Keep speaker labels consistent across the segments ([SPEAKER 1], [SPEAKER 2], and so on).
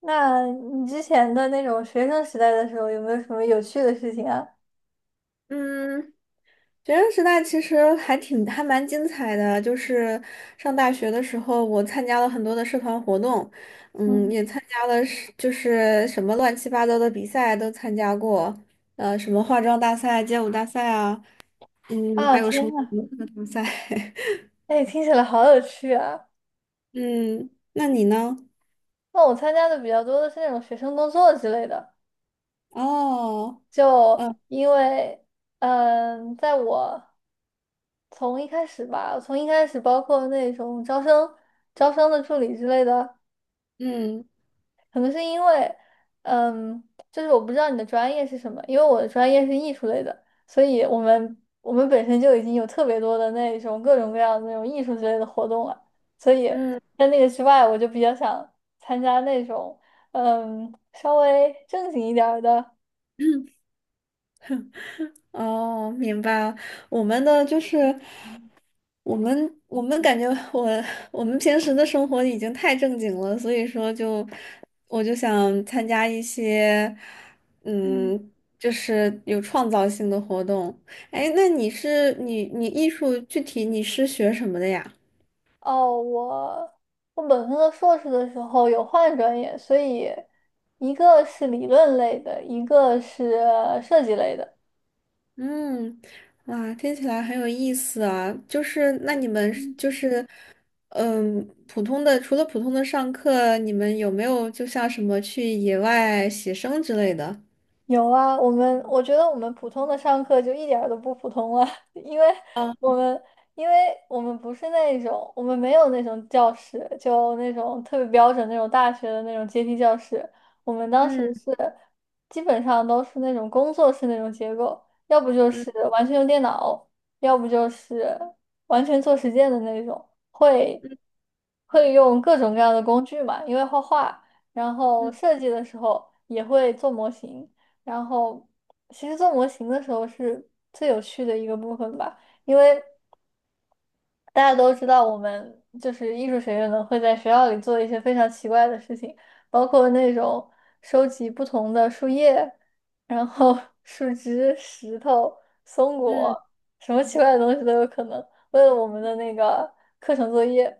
[SPEAKER 1] 那你之前的那种学生时代的时候，有没有什么有趣的事情啊？
[SPEAKER 2] 嗯，学生时代其实还挺还蛮精彩的，就是上大学的时候，我参加了很多的社团活动，
[SPEAKER 1] 嗯，
[SPEAKER 2] 也参加了什么乱七八糟的比赛都参加过，什么化妆大赛、街舞大赛啊，
[SPEAKER 1] 啊，
[SPEAKER 2] 还有
[SPEAKER 1] 天
[SPEAKER 2] 什么什
[SPEAKER 1] 呐，
[SPEAKER 2] 么课大赛，
[SPEAKER 1] 哎，听起来好有趣啊！
[SPEAKER 2] 嗯，那你呢？
[SPEAKER 1] 那我参加的比较多的是那种学生工作之类的，
[SPEAKER 2] 哦，
[SPEAKER 1] 就
[SPEAKER 2] 呃，
[SPEAKER 1] 因为，在我从一开始包括那种招生的助理之类的，
[SPEAKER 2] 嗯
[SPEAKER 1] 可能是因为，嗯，就是我不知道你的专业是什么。因为我的专业是艺术类的，所以我们本身就已经有特别多的那种各种各样的那种艺术之类的活动了，所以
[SPEAKER 2] 嗯。嗯
[SPEAKER 1] 在那个之外，我就比较想参加那种，稍微正经一点儿的。
[SPEAKER 2] 哦，明白了。我们的就是，我们感觉我们平时的生活已经太正经了，所以说我就想参加一些
[SPEAKER 1] 嗯，
[SPEAKER 2] 嗯，就是有创造性的活动。哎，那你是你你艺术具体你是学什么的呀？
[SPEAKER 1] 哦，我本科和硕士的时候有换专业，所以一个是理论类的，一个是设计类的。
[SPEAKER 2] 嗯，哇，听起来很有意思啊！就是那你们是
[SPEAKER 1] 嗯，
[SPEAKER 2] 就是，嗯，普通的上课，你们有没有就像什么去野外写生之类的？
[SPEAKER 1] 有啊，我觉得我们普通的上课就一点儿都不普通了，因为
[SPEAKER 2] 哦，
[SPEAKER 1] 我们因为我们不是那种，我们没有那种教室，就那种特别标准那种大学的那种阶梯教室。我们当时
[SPEAKER 2] 嗯。
[SPEAKER 1] 是基本上都是那种工作室那种结构，要不就是完全用电脑，要不就是完全做实践的那种，会
[SPEAKER 2] 嗯
[SPEAKER 1] 会用各种各样的工具嘛，因为画画，然后设计的时候也会做模型。然后其实做模型的时候是最有趣的一个部分吧，因为大家都知道我们就是艺术学院的会在学校里做一些非常奇怪的事情，包括那种收集不同的树叶，然后 树枝、石头、松
[SPEAKER 2] 嗯嗯，
[SPEAKER 1] 果，什么奇怪的东西都有可能，为了我们的那个课程作业。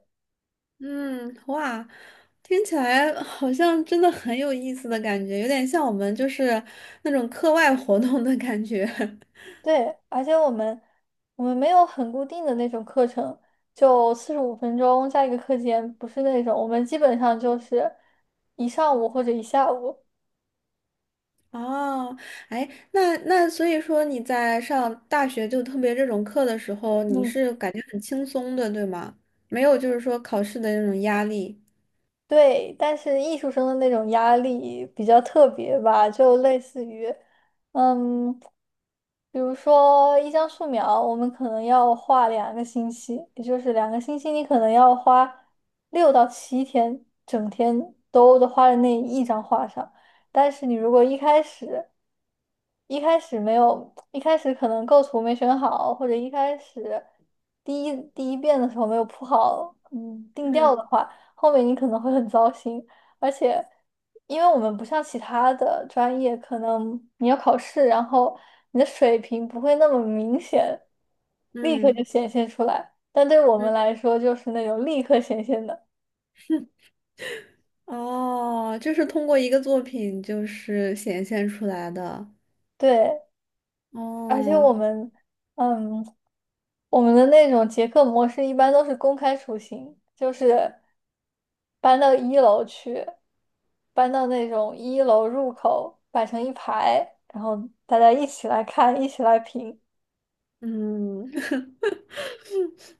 [SPEAKER 2] 嗯，哇，听起来好像真的很有意思的感觉，有点像我们就是那种课外活动的感觉。
[SPEAKER 1] 对，而且我们，我们没有很固定的那种课程，就45分钟加一个课间，不是那种，我们基本上就是一上午或者一下午。
[SPEAKER 2] 哦，哎，那所以说你在上大学就特别这种课的时候，你
[SPEAKER 1] 嗯，
[SPEAKER 2] 是感觉很轻松的，对吗？没有就是说考试的那种压力。
[SPEAKER 1] 对，但是艺术生的那种压力比较特别吧，就类似于，嗯，比如说一张素描，我们可能要画两个星期，也就是两个星期，你可能要花6到7天，整天都花在那一张画上。但是你如果一开始没有，一开始可能构图没选好，或者一开始第一遍的时候没有铺好，定调的
[SPEAKER 2] 嗯
[SPEAKER 1] 话，后面你可能会很糟心。而且，因为我们不像其他的专业，可能你要考试，然后你的水平不会那么明显，立刻就
[SPEAKER 2] 嗯
[SPEAKER 1] 显现出来。但对我们
[SPEAKER 2] 嗯，
[SPEAKER 1] 来说，就是那种立刻显现的。
[SPEAKER 2] 哦，就是通过一个作品就是显现出来的。
[SPEAKER 1] 对，而且
[SPEAKER 2] 哦，
[SPEAKER 1] 嗯。我们的那种结课模式一般都是公开处刑，就是搬到一楼去，搬到那种一楼入口摆成一排，然后大家一起来看，一起来评。
[SPEAKER 2] 嗯。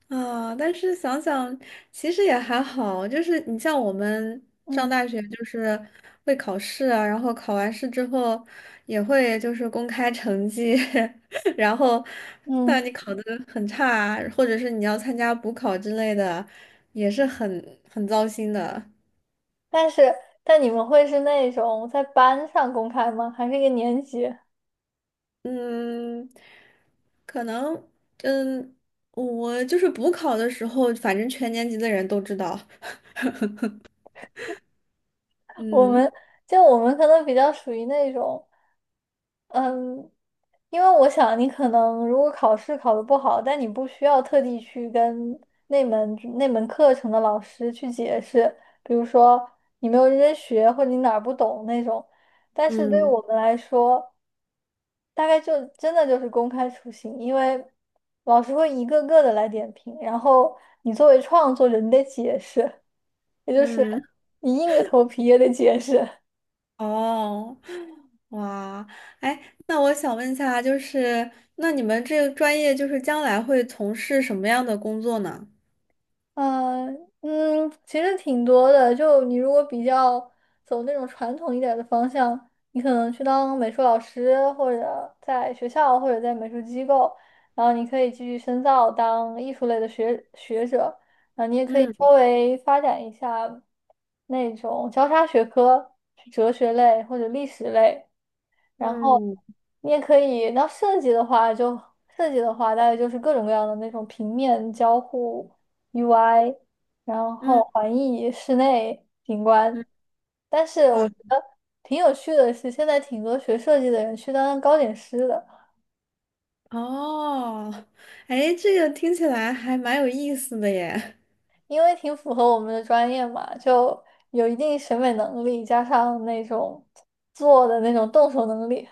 [SPEAKER 2] 啊，但是想想，其实也还好，就是你像我们上
[SPEAKER 1] 嗯
[SPEAKER 2] 大学，就是会考试啊，然后考完试之后也会就是公开成绩，然后
[SPEAKER 1] 嗯，
[SPEAKER 2] 那你考的很差啊，或者是你要参加补考之类的，也是很糟心的。
[SPEAKER 1] 但是你们会是那种在班上公开吗？还是一个年级？
[SPEAKER 2] 嗯，可能嗯，我就是补考的时候，反正全年级的人都知道。
[SPEAKER 1] 我
[SPEAKER 2] 嗯
[SPEAKER 1] 们我们可能比较属于那种。嗯，因为我想你可能如果考试考得不好，但你不需要特地去跟那门课程的老师去解释，比如说你没有认真学或者你哪儿不懂那种。但是对于
[SPEAKER 2] 嗯。
[SPEAKER 1] 我们来说，大概就真的就是公开处刑，因为老师会一个个的来点评，然后你作为创作者，你得解释，也就是
[SPEAKER 2] 嗯。
[SPEAKER 1] 你硬着头皮也得解释。
[SPEAKER 2] 哦，哇，哎，那我想问一下，那你们这个专业，就是将来会从事什么样的工作呢？
[SPEAKER 1] 嗯嗯，其实挺多的。就你如果比较走那种传统一点的方向，你可能去当美术老师，或者在学校，或者在美术机构，然后你可以继续深造当艺术类的学者。啊，你也可以稍
[SPEAKER 2] 嗯
[SPEAKER 1] 微发展一下那种交叉学科，去哲学类或者历史类。然后
[SPEAKER 2] 嗯
[SPEAKER 1] 你也可以，那设计的话，大概就是各种各样的那种平面交互 UI，然
[SPEAKER 2] 嗯
[SPEAKER 1] 后环艺室内景
[SPEAKER 2] 嗯，
[SPEAKER 1] 观。但是
[SPEAKER 2] 哇，
[SPEAKER 1] 我觉得挺有趣的是，现在挺多学设计的人去当糕点师的，
[SPEAKER 2] 哦，哎，这个听起来还蛮有意思的耶。
[SPEAKER 1] 因为挺符合我们的专业嘛，就有一定审美能力，加上那种做的那种动手能力。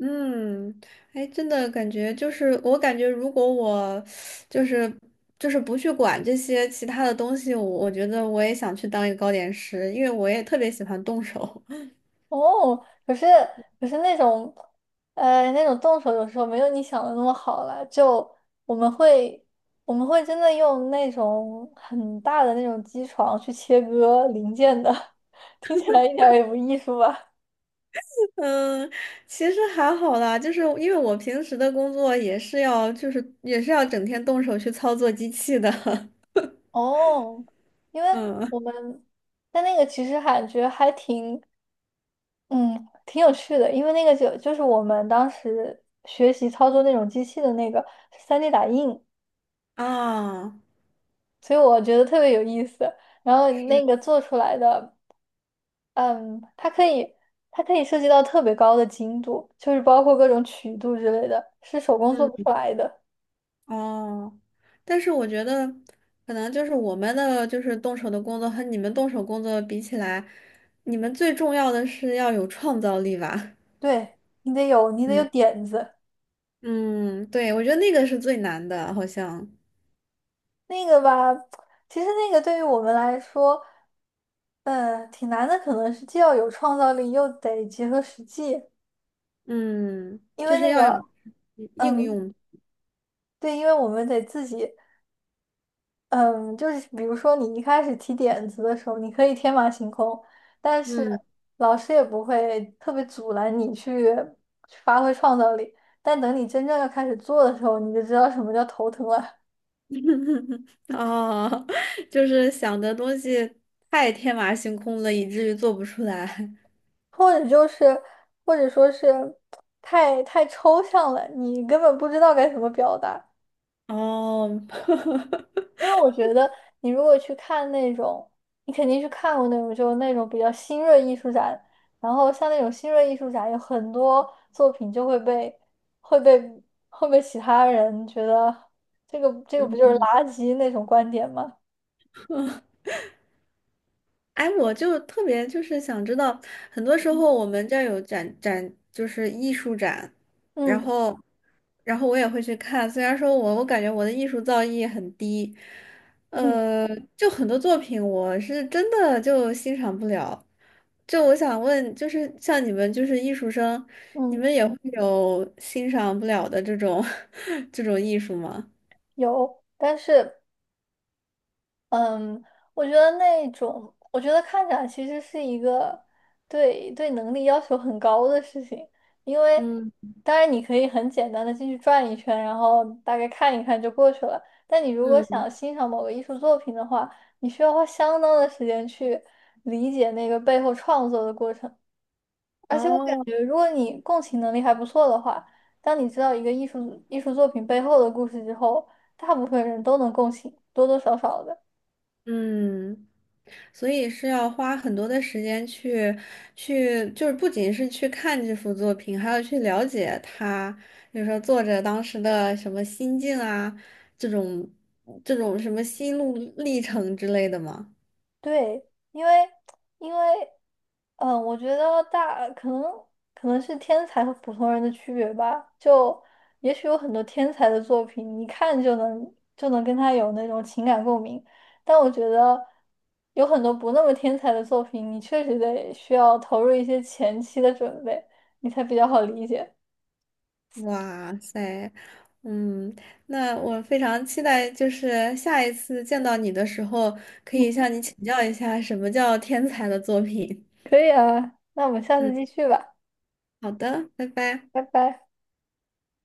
[SPEAKER 2] 嗯，哎，真的感觉就是，我感觉如果我就是不去管这些其他的东西，我觉得我也想去当一个糕点师，因为我也特别喜欢动手。
[SPEAKER 1] 哦，可是那种，那种动手有时候没有你想的那么好了。就我们会我们会真的用那种很大的那种机床去切割零件的，听起来一点儿也不艺术吧？
[SPEAKER 2] 嗯，其实还好啦，因为我平时的工作也是要，就是也是要整天动手去操作机器的。
[SPEAKER 1] 哦，因为
[SPEAKER 2] 嗯
[SPEAKER 1] 我们但那个其实感觉还挺有趣的，因为那个就是我们当时学习操作那种机器的那个是3D 打印。
[SPEAKER 2] 啊，
[SPEAKER 1] 所以我觉得特别有意思。然后那
[SPEAKER 2] 是，
[SPEAKER 1] 个做出来的，嗯，它可以，它可以涉及到特别高的精度，就是包括各种曲度之类的，是手工做
[SPEAKER 2] 嗯
[SPEAKER 1] 不出来的。
[SPEAKER 2] 哦，但是我觉得可能就是我们的就是动手的工作和你们动手工作比起来，你们最重要的是要有创造力吧。
[SPEAKER 1] 对，你得有，你得有
[SPEAKER 2] 嗯
[SPEAKER 1] 点子。
[SPEAKER 2] 嗯，对，我觉得那个是最难的，好像，
[SPEAKER 1] 那个吧，其实那个对于我们来说，嗯，挺难的，可能是既要有创造力，又得结合实际，
[SPEAKER 2] 嗯，
[SPEAKER 1] 因
[SPEAKER 2] 就
[SPEAKER 1] 为
[SPEAKER 2] 是
[SPEAKER 1] 那
[SPEAKER 2] 要
[SPEAKER 1] 个，
[SPEAKER 2] 有应
[SPEAKER 1] 嗯，
[SPEAKER 2] 用，
[SPEAKER 1] 对，因为我们得自己。嗯，就是比如说你一开始提点子的时候，你可以天马行空，但是
[SPEAKER 2] 嗯。
[SPEAKER 1] 老师也不会特别阻拦你去去发挥创造力。但等你真正要开始做的时候，你就知道什么叫头疼了，
[SPEAKER 2] 哦，就是想的东西太天马行空了，以至于做不出来。
[SPEAKER 1] 或者就是或者说是太抽象了，你根本不知道该怎么表达。
[SPEAKER 2] 哦，
[SPEAKER 1] 因为我觉得你如果去看那种，你肯定是看过那种，就是那种比较新锐艺术展，然后像那种新锐艺术展，有很多作品就会被会被其他人觉得这个不就是垃圾那种观点吗？
[SPEAKER 2] 哎，我就特别就是想知道，很多时候我们这儿有展，就是艺术展，然
[SPEAKER 1] 嗯
[SPEAKER 2] 后，然后我也会去看。虽然说我感觉我的艺术造诣很低，
[SPEAKER 1] 嗯
[SPEAKER 2] 呃，就很多作品我是真的就欣赏不了。就我想问，就是像你们就是艺术生，你
[SPEAKER 1] 嗯，
[SPEAKER 2] 们也会有欣赏不了的这种 这种艺术吗？
[SPEAKER 1] 有，但是。嗯，我觉得那种，我觉得看展其实是一个对能力要求很高的事情，因为
[SPEAKER 2] 嗯
[SPEAKER 1] 当然你可以很简单的进去转一圈，然后大概看一看就过去了。但你如果
[SPEAKER 2] 嗯。
[SPEAKER 1] 想欣赏某个艺术作品的话，你需要花相当的时间去理解那个背后创作的过程。而且我感
[SPEAKER 2] 哦。
[SPEAKER 1] 觉，如果你共情能力还不错的话，当你知道一个艺术作品背后的故事之后，大部分人都能共情，多多少少的。
[SPEAKER 2] 嗯，所以是要花很多的时间去去，就是不仅是去看这幅作品，还要去了解他，比如说作者当时的什么心境啊，这种这种什么心路历程之类的嘛。
[SPEAKER 1] 对，因为，我觉得可能是天才和普通人的区别吧。就也许有很多天才的作品，一看就能跟他有那种情感共鸣，但我觉得有很多不那么天才的作品，你确实得需要投入一些前期的准备，你才比较好理解。
[SPEAKER 2] 哇塞，嗯，那我非常期待，就是下一次见到你的时候，可以
[SPEAKER 1] 嗯，
[SPEAKER 2] 向你请教一下什么叫天才的作品。
[SPEAKER 1] 可以啊，那我们下次
[SPEAKER 2] 嗯，
[SPEAKER 1] 继续吧，
[SPEAKER 2] 好的，拜拜。
[SPEAKER 1] 拜拜。